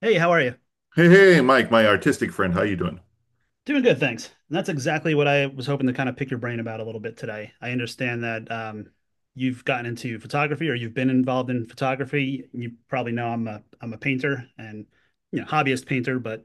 Hey, how are you? Hey, hey, Mike, my artistic friend, how you doing? Doing good, thanks. And that's exactly what I was hoping to kind of pick your brain about a little bit today. I understand that you've gotten into photography or you've been involved in photography. You probably know I'm a painter and hobbyist painter, but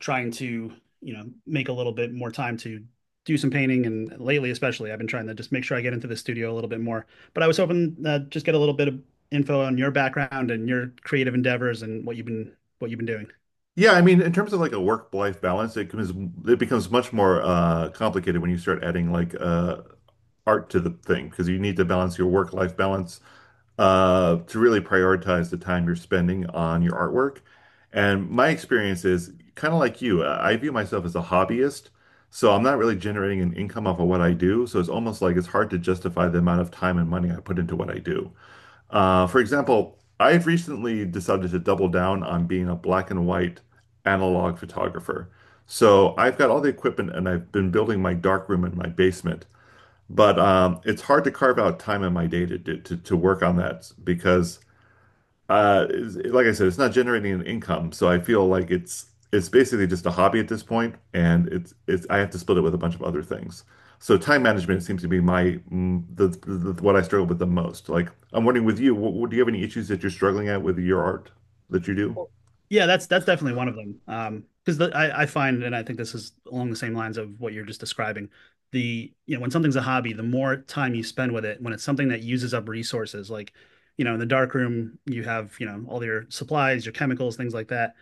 trying to make a little bit more time to do some painting. And lately, especially, I've been trying to just make sure I get into the studio a little bit more. But I was hoping just get a little bit of info on your background and your creative endeavors and what you've been doing. Yeah, I mean, in terms of like a work-life balance, it becomes much more complicated when you start adding like art to the thing because you need to balance your work-life balance to really prioritize the time you're spending on your artwork. And my experience is kind of like you. I view myself as a hobbyist, so I'm not really generating an income off of what I do. So it's almost like it's hard to justify the amount of time and money I put into what I do. For example, I've recently decided to double down on being a black and white analog photographer. So I've got all the equipment and I've been building my darkroom in my basement. But it's hard to carve out time in my day to, to work on that because like I said, it's not generating an income, so I feel like it's basically just a hobby at this point, and it's I have to split it with a bunch of other things. So time management seems to be my what I struggle with the most. Like I'm wondering with you, do you have any issues that you're struggling at with your art that you do? Yeah, that's definitely one of them. Because I find, and I think this is along the same lines of what you're just describing. The, when something's a hobby, the more time you spend with it, when it's something that uses up resources, like, in the dark room you have, all your supplies, your chemicals, things like that,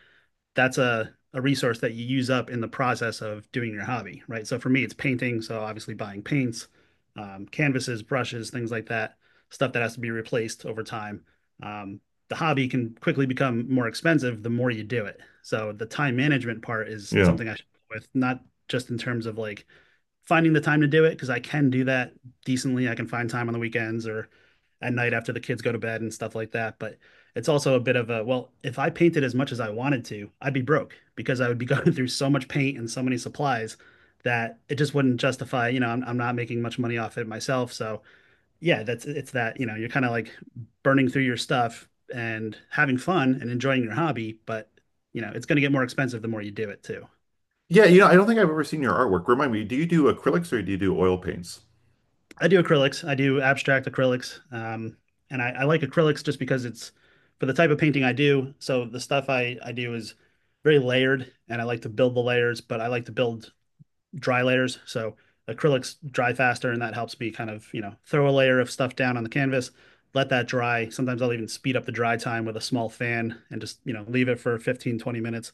that's a resource that you use up in the process of doing your hobby, right? So for me, it's painting. So obviously buying paints, canvases, brushes, things like that, stuff that has to be replaced over time. Um, the hobby can quickly become more expensive the more you do it. So the time management part is Yeah. something I should deal with, not just in terms of like finding the time to do it because I can do that decently. I can find time on the weekends or at night after the kids go to bed and stuff like that. But it's also a bit of a, well, if I painted as much as I wanted to, I'd be broke because I would be going through so much paint and so many supplies that it just wouldn't justify, I'm not making much money off it myself. So yeah, it's that, you're kind of like burning through your stuff and having fun and enjoying your hobby, but, it's going to get more expensive the more you do it too. Yeah, you know, I don't think I've ever seen your artwork. Remind me, do you do acrylics or do you do oil paints? I do acrylics. I do abstract acrylics. And I like acrylics just because it's for the type of painting I do. So the stuff I do is very layered and I like to build the layers, but I like to build dry layers. So acrylics dry faster and that helps me kind of, throw a layer of stuff down on the canvas, let that dry. Sometimes I'll even speed up the dry time with a small fan and just, leave it for 15 to 20 minutes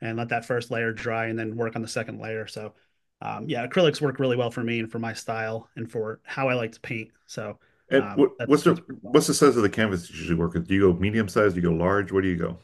and let that first layer dry and then work on the second layer. So yeah, acrylics work really well for me and for my style and for how I like to paint. So And um, what, that's what's the that's pretty well. what's the size of the canvas you usually work with? Do you go medium size? Do you go large? Where do you go?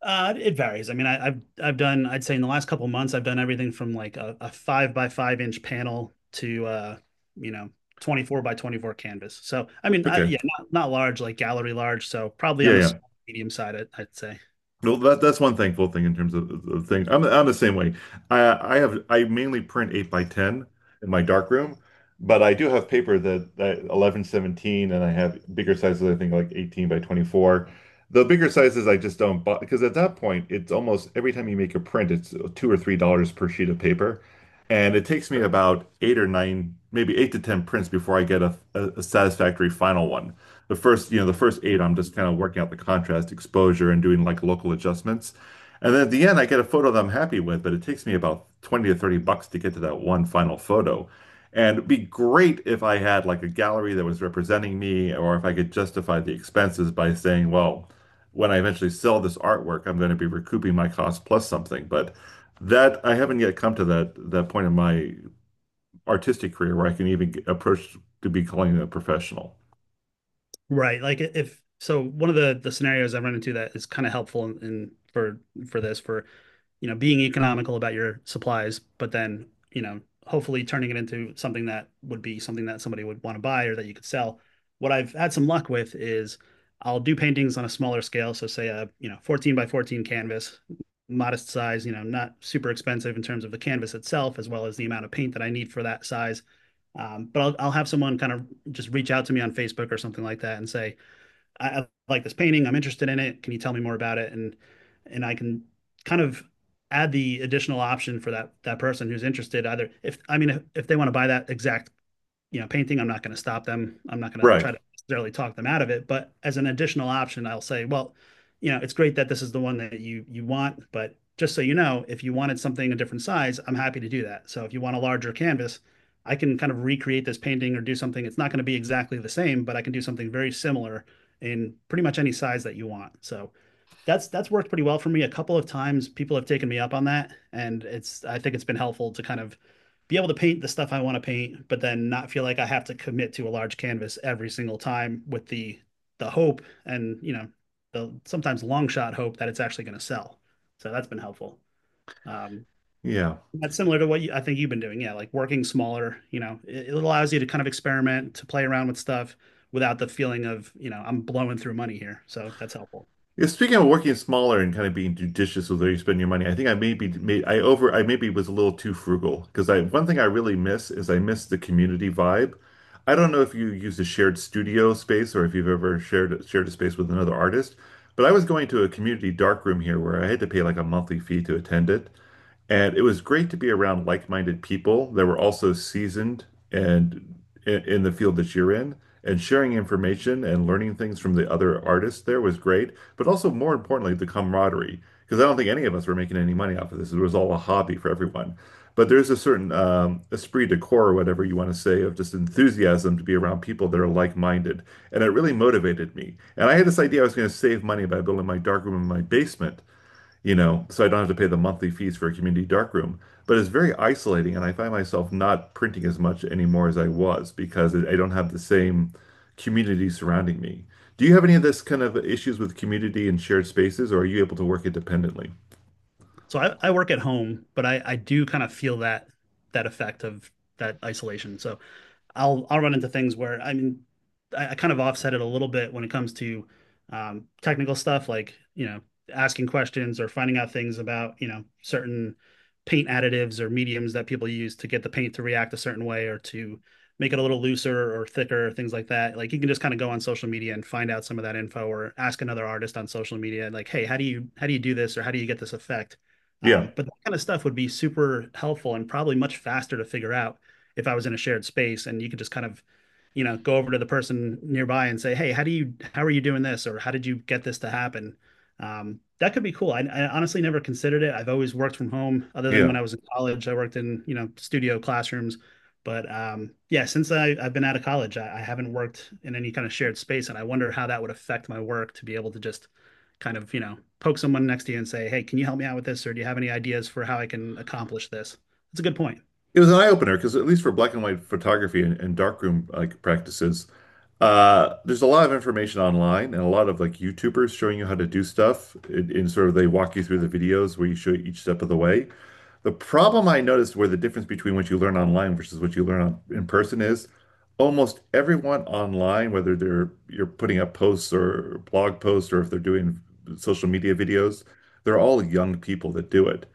It varies. I mean, I've done, I'd say, in the last couple of months I've done everything from like a 5 by 5 inch panel to you know 24 by 24 canvas. So I mean, Okay. yeah, not large like gallery large. So probably Yeah, on the yeah. small, medium side, I'd say. Well, that that's one thankful thing in terms of things. I'm the same way. I have I mainly print 8x10 in my darkroom, but I do have paper that, that 11x17, and I have bigger sizes. I think like 18 by 24. The bigger sizes I just don't buy because at that point it's almost every time you make a print it's $2 or $3 per sheet of paper, and it takes me For about eight or nine, maybe eight to ten prints before I get a, satisfactory final one the first, you know, the first eight, I'm just kind of working out the contrast, exposure, and doing like local adjustments. And then at the end, I get a photo that I'm happy with, but it takes me about 20 to 30 bucks to get to that one final photo. And it'd be great if I had like a gallery that was representing me, or if I could justify the expenses by saying, well, when I eventually sell this artwork, I'm going to be recouping my cost plus something. But that I haven't yet come to that point in my artistic career where I can even approach to be calling it a professional. Right. Like, if, so, one of the scenarios I run into that is kind of helpful in, in for for this for, being economical about your supplies, but then, hopefully turning it into something that would be something that somebody would want to buy or that you could sell. What I've had some luck with is I'll do paintings on a smaller scale. So say a, 14 by 14 canvas, modest size, not super expensive in terms of the canvas itself, as well as the amount of paint that I need for that size. But I'll have someone kind of just reach out to me on Facebook or something like that and say, I like this painting. I'm interested in it. Can you tell me more about it? And I can kind of add the additional option for that person who's interested. Either if, I mean, if they want to buy that exact, painting, I'm not going to stop them. I'm not going to Right. try to necessarily talk them out of it. But as an additional option, I'll say, well, it's great that this is the one that you want, but just so you know, if you wanted something a different size, I'm happy to do that. So if you want a larger canvas, I can kind of recreate this painting or do something. It's not going to be exactly the same, but I can do something very similar in pretty much any size that you want. So that's worked pretty well for me. A couple of times people have taken me up on that, and it's I think it's been helpful to kind of be able to paint the stuff I want to paint, but then not feel like I have to commit to a large canvas every single time with the hope and the sometimes long shot hope that it's actually going to sell. So that's been helpful. Um, Yeah. that's similar to what you, I think you've been doing. Yeah, like working smaller. You know, it allows you to kind of experiment, to play around with stuff without the feeling of, I'm blowing through money here. So that's helpful. Yeah, speaking of working smaller and kind of being judicious with where you spend your money, I think I maybe was a little too frugal because I one thing I really miss is I miss the community vibe. I don't know if you use a shared studio space or if you've ever shared a space with another artist, but I was going to a community dark room here where I had to pay like a monthly fee to attend it. And it was great to be around like-minded people that were also seasoned and in the field that you're in. And sharing information and learning things from the other artists there was great, but also more importantly, the camaraderie. Because I don't think any of us were making any money off of this. It was all a hobby for everyone. But there's a certain esprit de corps, or whatever you want to say, of just enthusiasm to be around people that are like-minded. And it really motivated me. And I had this idea I was going to save money by building my darkroom in my basement, you know, so I don't have to pay the monthly fees for a community darkroom. But it's very isolating, and I find myself not printing as much anymore as I was because I don't have the same community surrounding me. Do you have any of this kind of issues with community and shared spaces, or are you able to work independently? So I work at home, but I do kind of feel that that effect of that isolation. So I'll run into things where I mean I kind of offset it a little bit when it comes to technical stuff like, asking questions or finding out things about, certain paint additives or mediums that people use to get the paint to react a certain way or to make it a little looser or thicker, things like that. Like, you can just kind of go on social media and find out some of that info or ask another artist on social media like, hey, how do you, do this, or how do you get this effect? um, Yeah, but that kind of stuff would be super helpful and probably much faster to figure out if I was in a shared space and you could just kind of, go over to the person nearby and say, "Hey, how do you, how are you doing this?" or "How did you get this to happen?" That could be cool. I honestly never considered it. I've always worked from home, other than when yeah. I was in college. I worked in, studio classrooms, but yeah, since I've been out of college, I haven't worked in any kind of shared space, and I wonder how that would affect my work to be able to just kind of, poke someone next to you and say, "Hey, can you help me out with this?" or "Do you have any ideas for how I can accomplish this?" That's a good point. It was an eye opener because at least for black and white photography and darkroom like practices, there's a lot of information online and a lot of like YouTubers showing you how to do stuff. In and sort of they walk you through the videos where you show each step of the way. The problem I noticed where the difference between what you learn online versus what you learn in person is almost everyone online, whether they're you're putting up posts or blog posts or if they're doing social media videos, they're all young people that do it.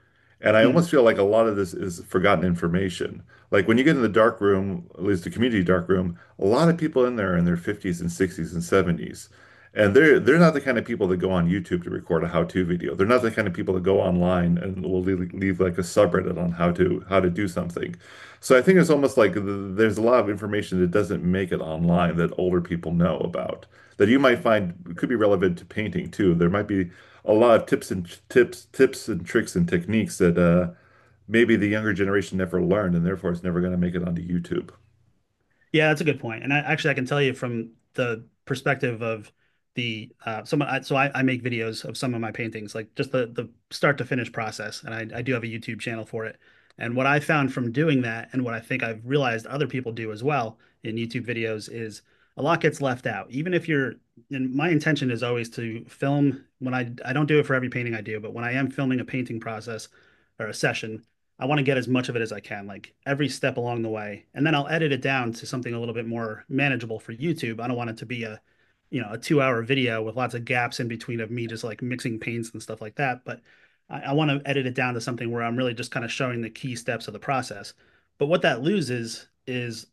And I Mm. almost feel like a lot of this is forgotten information. Like when you get in the dark room, at least the community dark room, a lot of people in there are in their 50s and 60s and 70s. And they're not the kind of people that go on YouTube to record a how-to video. They're not the kind of people that go online and will leave like a subreddit on how to do something. So I think it's almost like th there's a lot of information that doesn't make it online that older people know about that you might find could be relevant to painting too. There might be a lot of tips and tips and tricks and techniques that maybe the younger generation never learned, and therefore it's never going to make it onto YouTube. Yeah, that's a good point. And I actually I can tell you from the perspective of so I make videos of some of my paintings, like just the start to finish process. And I do have a YouTube channel for it. And what I found from doing that and what I think I've realized other people do as well in YouTube videos is a lot gets left out. Even if you're and my intention is always to film when, I don't do it for every painting I do, but when I am filming a painting process or a session, I want to get as much of it as I can, like every step along the way. And then I'll edit it down to something a little bit more manageable for YouTube. I don't want it to be a 2-hour video with lots of gaps in between of me just like mixing paints and stuff like that. But I want to edit it down to something where I'm really just kind of showing the key steps of the process. But what that loses is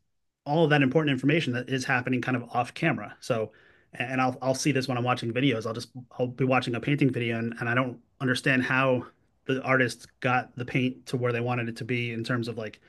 all of that important information that is happening kind of off camera. So, and I'll see this when I'm watching videos. I'll be watching a painting video and, I don't understand how the artist got the paint to where they wanted it to be in terms of like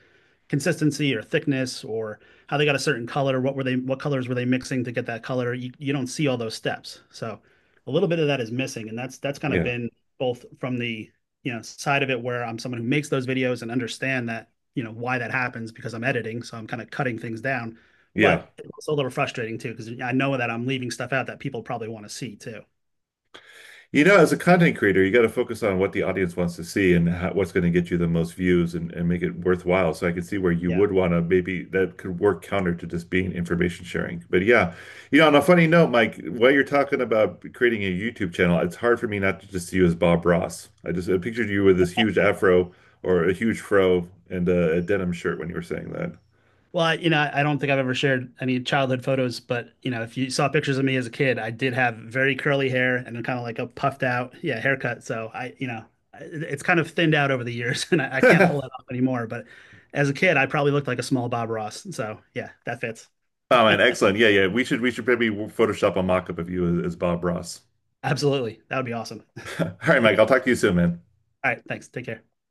consistency or thickness, or how they got a certain color. What colors were they mixing to get that color? You don't see all those steps. So a little bit of that is missing, and that's kind of Yeah, been both from the, side of it where I'm someone who makes those videos and understand that, why that happens because I'm editing, so I'm kind of cutting things down. yeah. But it's a little frustrating too because I know that I'm leaving stuff out that people probably want to see too. You know, as a content creator, you got to focus on what the audience wants to see and how, what's going to get you the most views and make it worthwhile. So I can see where you Yeah. would want to maybe that could work counter to just being information sharing. But yeah, you know, on a funny note, Mike, while you're talking about creating a YouTube channel, it's hard for me not to just see you as Bob Ross. I just I pictured you with this huge afro or a huge fro and a denim shirt when you were saying Well, I don't think I've ever shared any childhood photos, but, if you saw pictures of me as a kid, I did have very curly hair and kind of like a puffed out, yeah, haircut. So I, you know, it- it's kind of thinned out over the years, and I can't pull that. that off anymore. But as a kid, I probably looked like a small Bob Ross. So yeah, that fits. Oh man, excellent. Yeah, yeah. We should maybe Photoshop a mock-up of you as Bob Ross. Absolutely. That would be awesome. All right, Mike, I'll talk to you soon, man. All right, thanks. Take care.